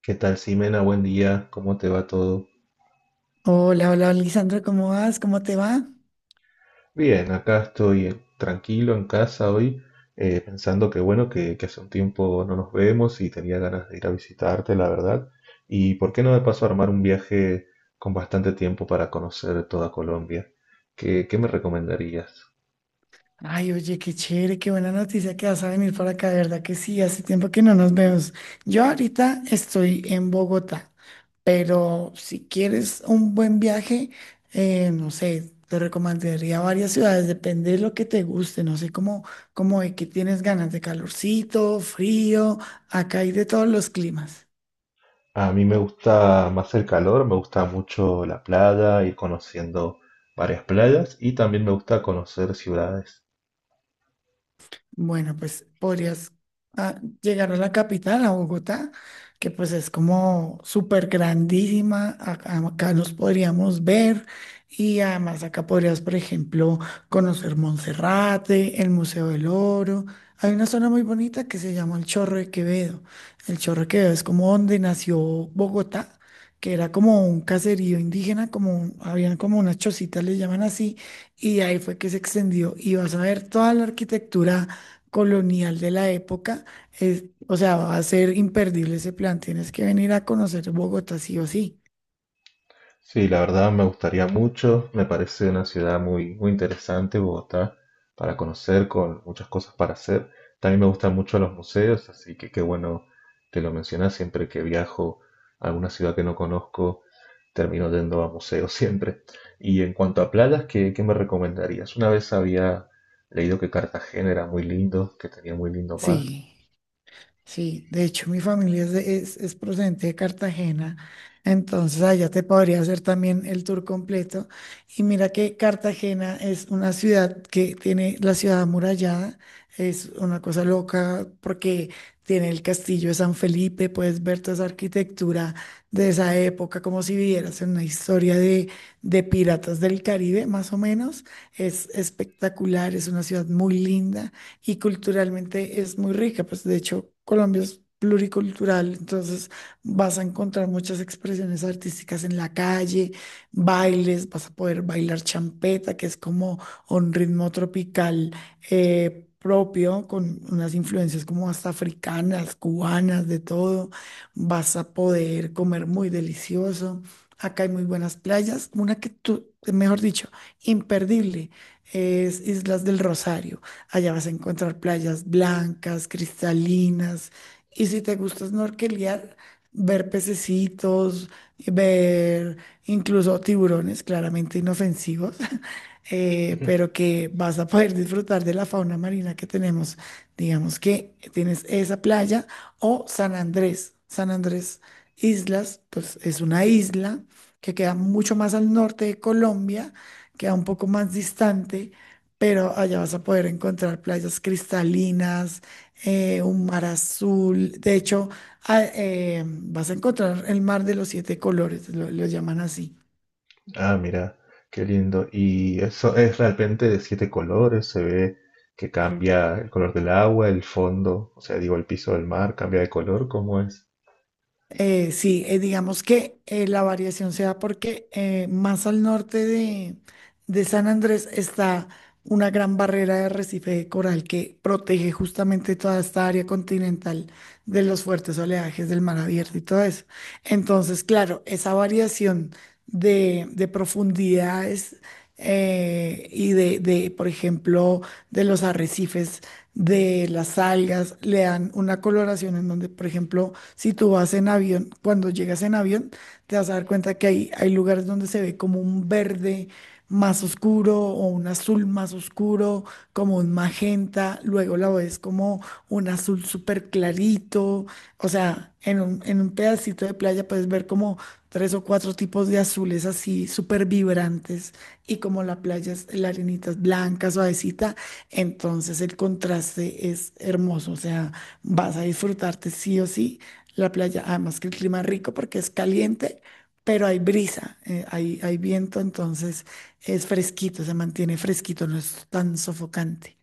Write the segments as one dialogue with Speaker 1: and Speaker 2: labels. Speaker 1: ¿Qué tal, Simena? Buen día, ¿cómo te va todo?
Speaker 2: Hola, hola, Lisandra, ¿cómo vas? ¿Cómo te va?
Speaker 1: Bien, acá estoy tranquilo en casa hoy. Eh, pensando que hace un tiempo no nos vemos y tenía ganas de ir a visitarte, la verdad. Y por qué no me paso a armar un viaje con bastante tiempo para conocer toda Colombia. ¿Qué me recomendarías?
Speaker 2: Ay, oye, qué chévere, qué buena noticia que vas a venir para acá, de verdad que sí, hace tiempo que no nos vemos. Yo ahorita estoy en Bogotá, pero si quieres un buen viaje, no sé, te recomendaría varias ciudades, depende de lo que te guste, no sé cómo, cómo de qué tienes ganas, de calorcito, frío, acá hay de todos los climas.
Speaker 1: A mí me gusta más el calor, me gusta mucho la playa, ir conociendo varias playas y también me gusta conocer ciudades.
Speaker 2: Bueno, pues podrías llegar a la capital, a Bogotá, que pues es como súper grandísima. Acá nos podríamos ver y además acá podrías, por ejemplo, conocer Monserrate, el Museo del Oro. Hay una zona muy bonita que se llama el Chorro de Quevedo. El Chorro de Quevedo es como donde nació Bogotá, que era como un caserío indígena, como habían como unas chocitas, le llaman así, y de ahí fue que se extendió. Y vas a ver toda la arquitectura colonial de la época. Es, o sea, va a ser imperdible ese plan. Tienes que venir a conocer Bogotá sí o sí.
Speaker 1: Sí, la verdad me gustaría mucho, me parece una ciudad muy interesante, Bogotá, para conocer, con muchas cosas para hacer. También me gustan mucho los museos, así que qué bueno que lo mencionas. Siempre que viajo a alguna ciudad que no conozco, termino yendo a museos siempre. Y en cuanto a playas, ¿qué me recomendarías? Una vez había leído que Cartagena era muy lindo, que tenía muy lindo mar.
Speaker 2: Sí. Sí, de hecho mi familia es, es procedente de Cartagena, entonces allá te podría hacer también el tour completo. Y mira que Cartagena es una ciudad que tiene la ciudad amurallada, es una cosa loca porque tiene el castillo de San Felipe, puedes ver toda esa arquitectura de esa época como si vivieras en una historia de piratas del Caribe, más o menos. Es espectacular, es una ciudad muy linda y culturalmente es muy rica, pues de hecho Colombia es pluricultural, entonces vas a encontrar muchas expresiones artísticas en la calle, bailes, vas a poder bailar champeta, que es como un ritmo tropical propio, con unas influencias como hasta africanas, cubanas, de todo, vas a poder comer muy delicioso. Acá hay muy buenas playas, una que tú, mejor dicho, imperdible, es Islas del Rosario. Allá vas a encontrar playas blancas, cristalinas. Y si te gusta snorkelear, ver pececitos, ver incluso tiburones, claramente inofensivos, pero que vas a poder disfrutar de la fauna marina que tenemos. Digamos que tienes esa playa o San Andrés. San Andrés Islas, pues es una isla que queda mucho más al norte de Colombia, queda un poco más distante pero allá vas a poder encontrar playas cristalinas, un mar azul. De hecho, vas a encontrar el mar de los siete colores, lo llaman así.
Speaker 1: Ah, mira, qué lindo. ¿Y eso es realmente de siete colores? Se ve que cambia el color del agua, el fondo, o sea, digo, el piso del mar cambia de color, ¿cómo es?
Speaker 2: Sí, digamos que la variación se da porque más al norte de San Andrés está una gran barrera de arrecife de coral que protege justamente toda esta área continental de los fuertes oleajes del mar abierto y todo eso. Entonces, claro, esa variación de profundidades y por ejemplo, de los arrecifes de las algas, le dan una coloración en donde, por ejemplo, si tú vas en avión, cuando llegas en avión, te vas a dar cuenta que hay lugares donde se ve como un verde más oscuro o un azul más oscuro, como un magenta, luego la ves como un azul súper clarito, o sea, en en un pedacito de playa puedes ver como tres o cuatro tipos de azules así súper vibrantes y como la playa es, la arenita es blanca, suavecita entonces el contraste es hermoso, o sea, vas a disfrutarte sí o sí la playa, además que el clima es rico porque es caliente, pero hay brisa, hay viento, entonces es fresquito, se mantiene fresquito, no es tan sofocante.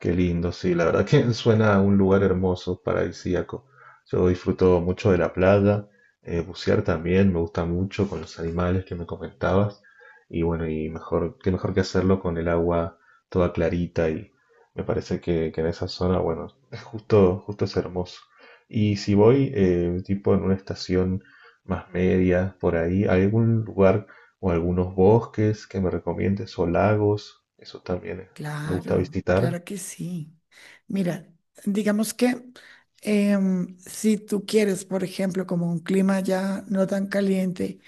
Speaker 1: Qué lindo. Sí, la verdad que suena a un lugar hermoso, paradisíaco. Yo disfruto mucho de la playa, bucear también, me gusta mucho, con los animales que me comentabas. Y bueno, y mejor, qué mejor que hacerlo con el agua toda clarita. Y me parece que en esa zona, bueno, es justo, justo es hermoso. Y si voy, tipo en una estación más media, por ahí, ¿hay algún lugar o algunos bosques que me recomiendes o lagos? Eso también me gusta
Speaker 2: Claro,
Speaker 1: visitar.
Speaker 2: claro que sí. Mira, digamos que si tú quieres, por ejemplo, como un clima ya no tan caliente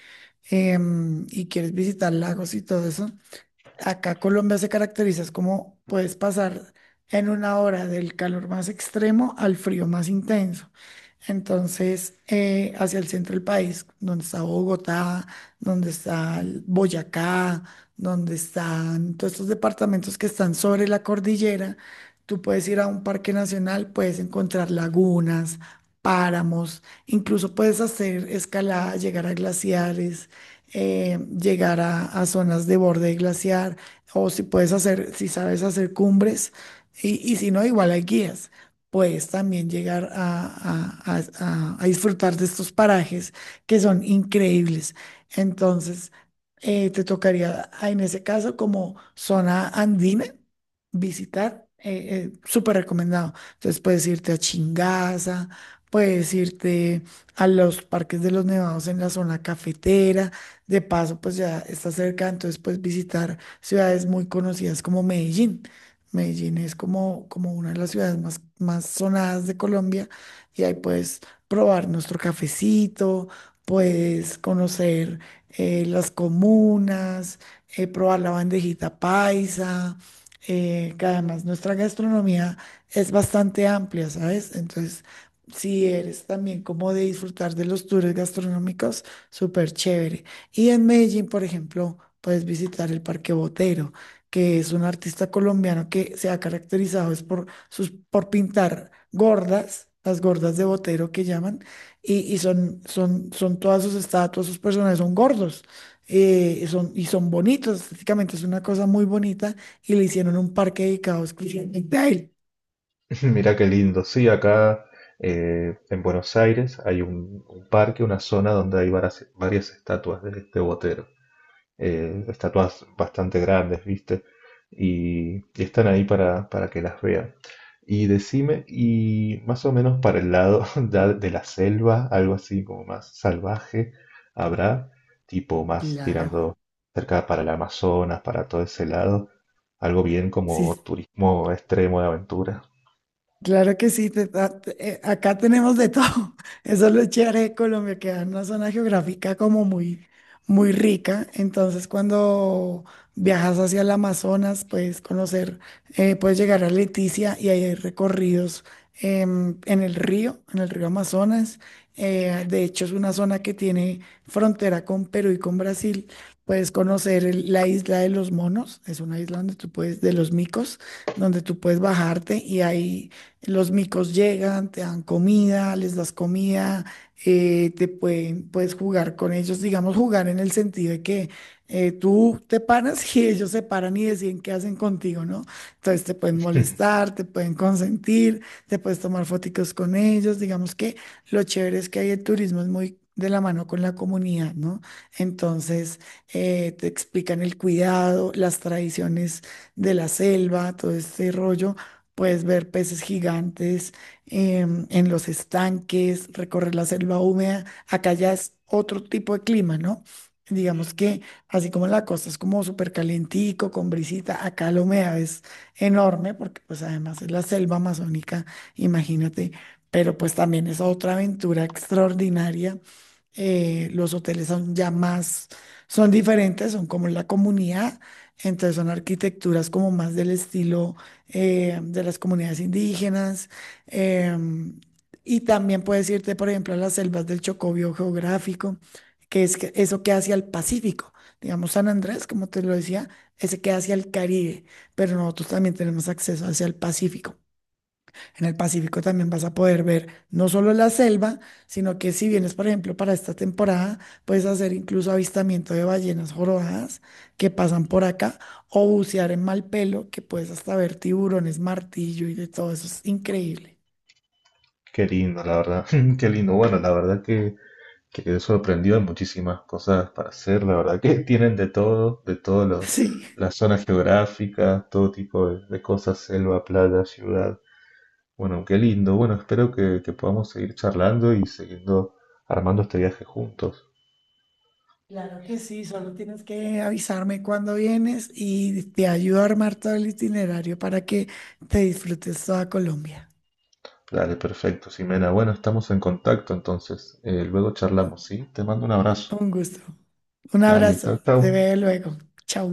Speaker 2: y quieres visitar lagos y todo eso, acá Colombia se caracteriza es como puedes pasar en una hora del calor más extremo al frío más intenso. Entonces, hacia el centro del país, donde está Bogotá, donde está el Boyacá, donde están todos estos departamentos que están sobre la cordillera, tú puedes ir a un parque nacional, puedes encontrar lagunas, páramos, incluso puedes hacer escalada, llegar a glaciares llegar a zonas de borde de glaciar, o si puedes hacer, si sabes hacer cumbres, y si no, igual hay guías. Puedes también llegar a disfrutar de estos parajes que son increíbles. Entonces, te tocaría, en ese caso, como zona andina, visitar, súper recomendado. Entonces, puedes irte a Chingaza, puedes irte a los parques de los nevados en la zona cafetera, de paso, pues ya está cerca, entonces puedes visitar ciudades muy conocidas como Medellín. Medellín es como, como una de las ciudades más sonadas de Colombia y ahí puedes probar nuestro cafecito, puedes conocer las comunas, probar la bandejita paisa, que además nuestra gastronomía es bastante amplia, ¿sabes? Entonces, si eres también como de disfrutar de los tours gastronómicos, súper chévere. Y en Medellín, por ejemplo, puedes visitar el Parque Botero, que es un artista colombiano que se ha caracterizado es por, sus, por pintar gordas, las gordas de Botero que llaman, y son, son todas sus estatuas, sus personajes son gordos, y son bonitos, estéticamente es una cosa muy bonita, y le hicieron un parque dedicado exclusivamente a él.
Speaker 1: Mirá qué lindo. Sí, acá en Buenos Aires hay un parque, una zona donde hay varias estatuas de este Botero. Estatuas bastante grandes, ¿viste? Y están ahí para que las vean. Y decime, y más o menos para el lado ya de la selva, algo así como más salvaje, habrá tipo más
Speaker 2: Claro.
Speaker 1: tirando cerca para el Amazonas, para todo ese lado, algo bien como
Speaker 2: Sí,
Speaker 1: turismo extremo de aventura.
Speaker 2: claro que sí, acá tenemos de todo. Eso es lo chévere de Colombia, que es una zona geográfica como muy, muy rica. Entonces, cuando viajas hacia el Amazonas, puedes conocer, puedes llegar a Leticia y ahí hay recorridos en el río Amazonas. De hecho, es una zona que tiene frontera con Perú y con Brasil. Puedes conocer la isla de los monos, es una isla donde tú puedes, de los micos, donde tú puedes bajarte y ahí los micos llegan, te dan comida, les das comida, puedes jugar con ellos, digamos, jugar en el sentido de que tú te paras y ellos se paran y deciden qué hacen contigo, ¿no? Entonces te pueden molestar, te pueden consentir, te puedes tomar fotitos con ellos, digamos que lo chévere es que ahí el turismo es muy de la mano con la comunidad, ¿no? Entonces te explican el cuidado, las tradiciones de la selva, todo este rollo. Puedes ver peces gigantes en los estanques, recorrer la selva húmeda. Acá ya es otro tipo de clima, ¿no? Digamos que así como en la costa es como súper calientico, con brisita, acá la humedad es enorme porque pues además es la selva amazónica, imagínate, pero pues también es otra aventura extraordinaria los hoteles son ya más, son diferentes, son como la comunidad, entonces son arquitecturas como más del estilo de las comunidades indígenas. em, y también puedes irte, por ejemplo, a las selvas del Chocó biogeográfico, que es eso que hacia el Pacífico. Digamos, San Andrés, como te lo decía, ese queda hacia el Caribe, pero nosotros también tenemos acceso hacia el Pacífico. En el Pacífico también vas a poder ver no solo la selva, sino que si vienes, por ejemplo, para esta temporada, puedes hacer incluso avistamiento de ballenas jorobadas que pasan por acá, o bucear en Malpelo, que puedes hasta ver tiburones, martillo y de todo eso. Es increíble.
Speaker 1: Qué lindo, la verdad. Qué lindo. Bueno, la verdad que quedé sorprendido. Hay muchísimas cosas para hacer. La verdad que tienen de todo, de todas
Speaker 2: Sí.
Speaker 1: las zonas geográficas, todo tipo de cosas, selva, playa, ciudad. Bueno, qué lindo. Bueno, espero que podamos seguir charlando y siguiendo armando este viaje juntos.
Speaker 2: Claro que sí, solo tienes que avisarme cuando vienes y te ayudo a armar todo el itinerario para que te disfrutes toda Colombia.
Speaker 1: Dale, perfecto, Ximena. Bueno, estamos en contacto entonces. Luego charlamos, ¿sí? Te mando un abrazo.
Speaker 2: Un gusto. Un
Speaker 1: Dale, chau,
Speaker 2: abrazo.
Speaker 1: chau.
Speaker 2: Te veo luego. Chau.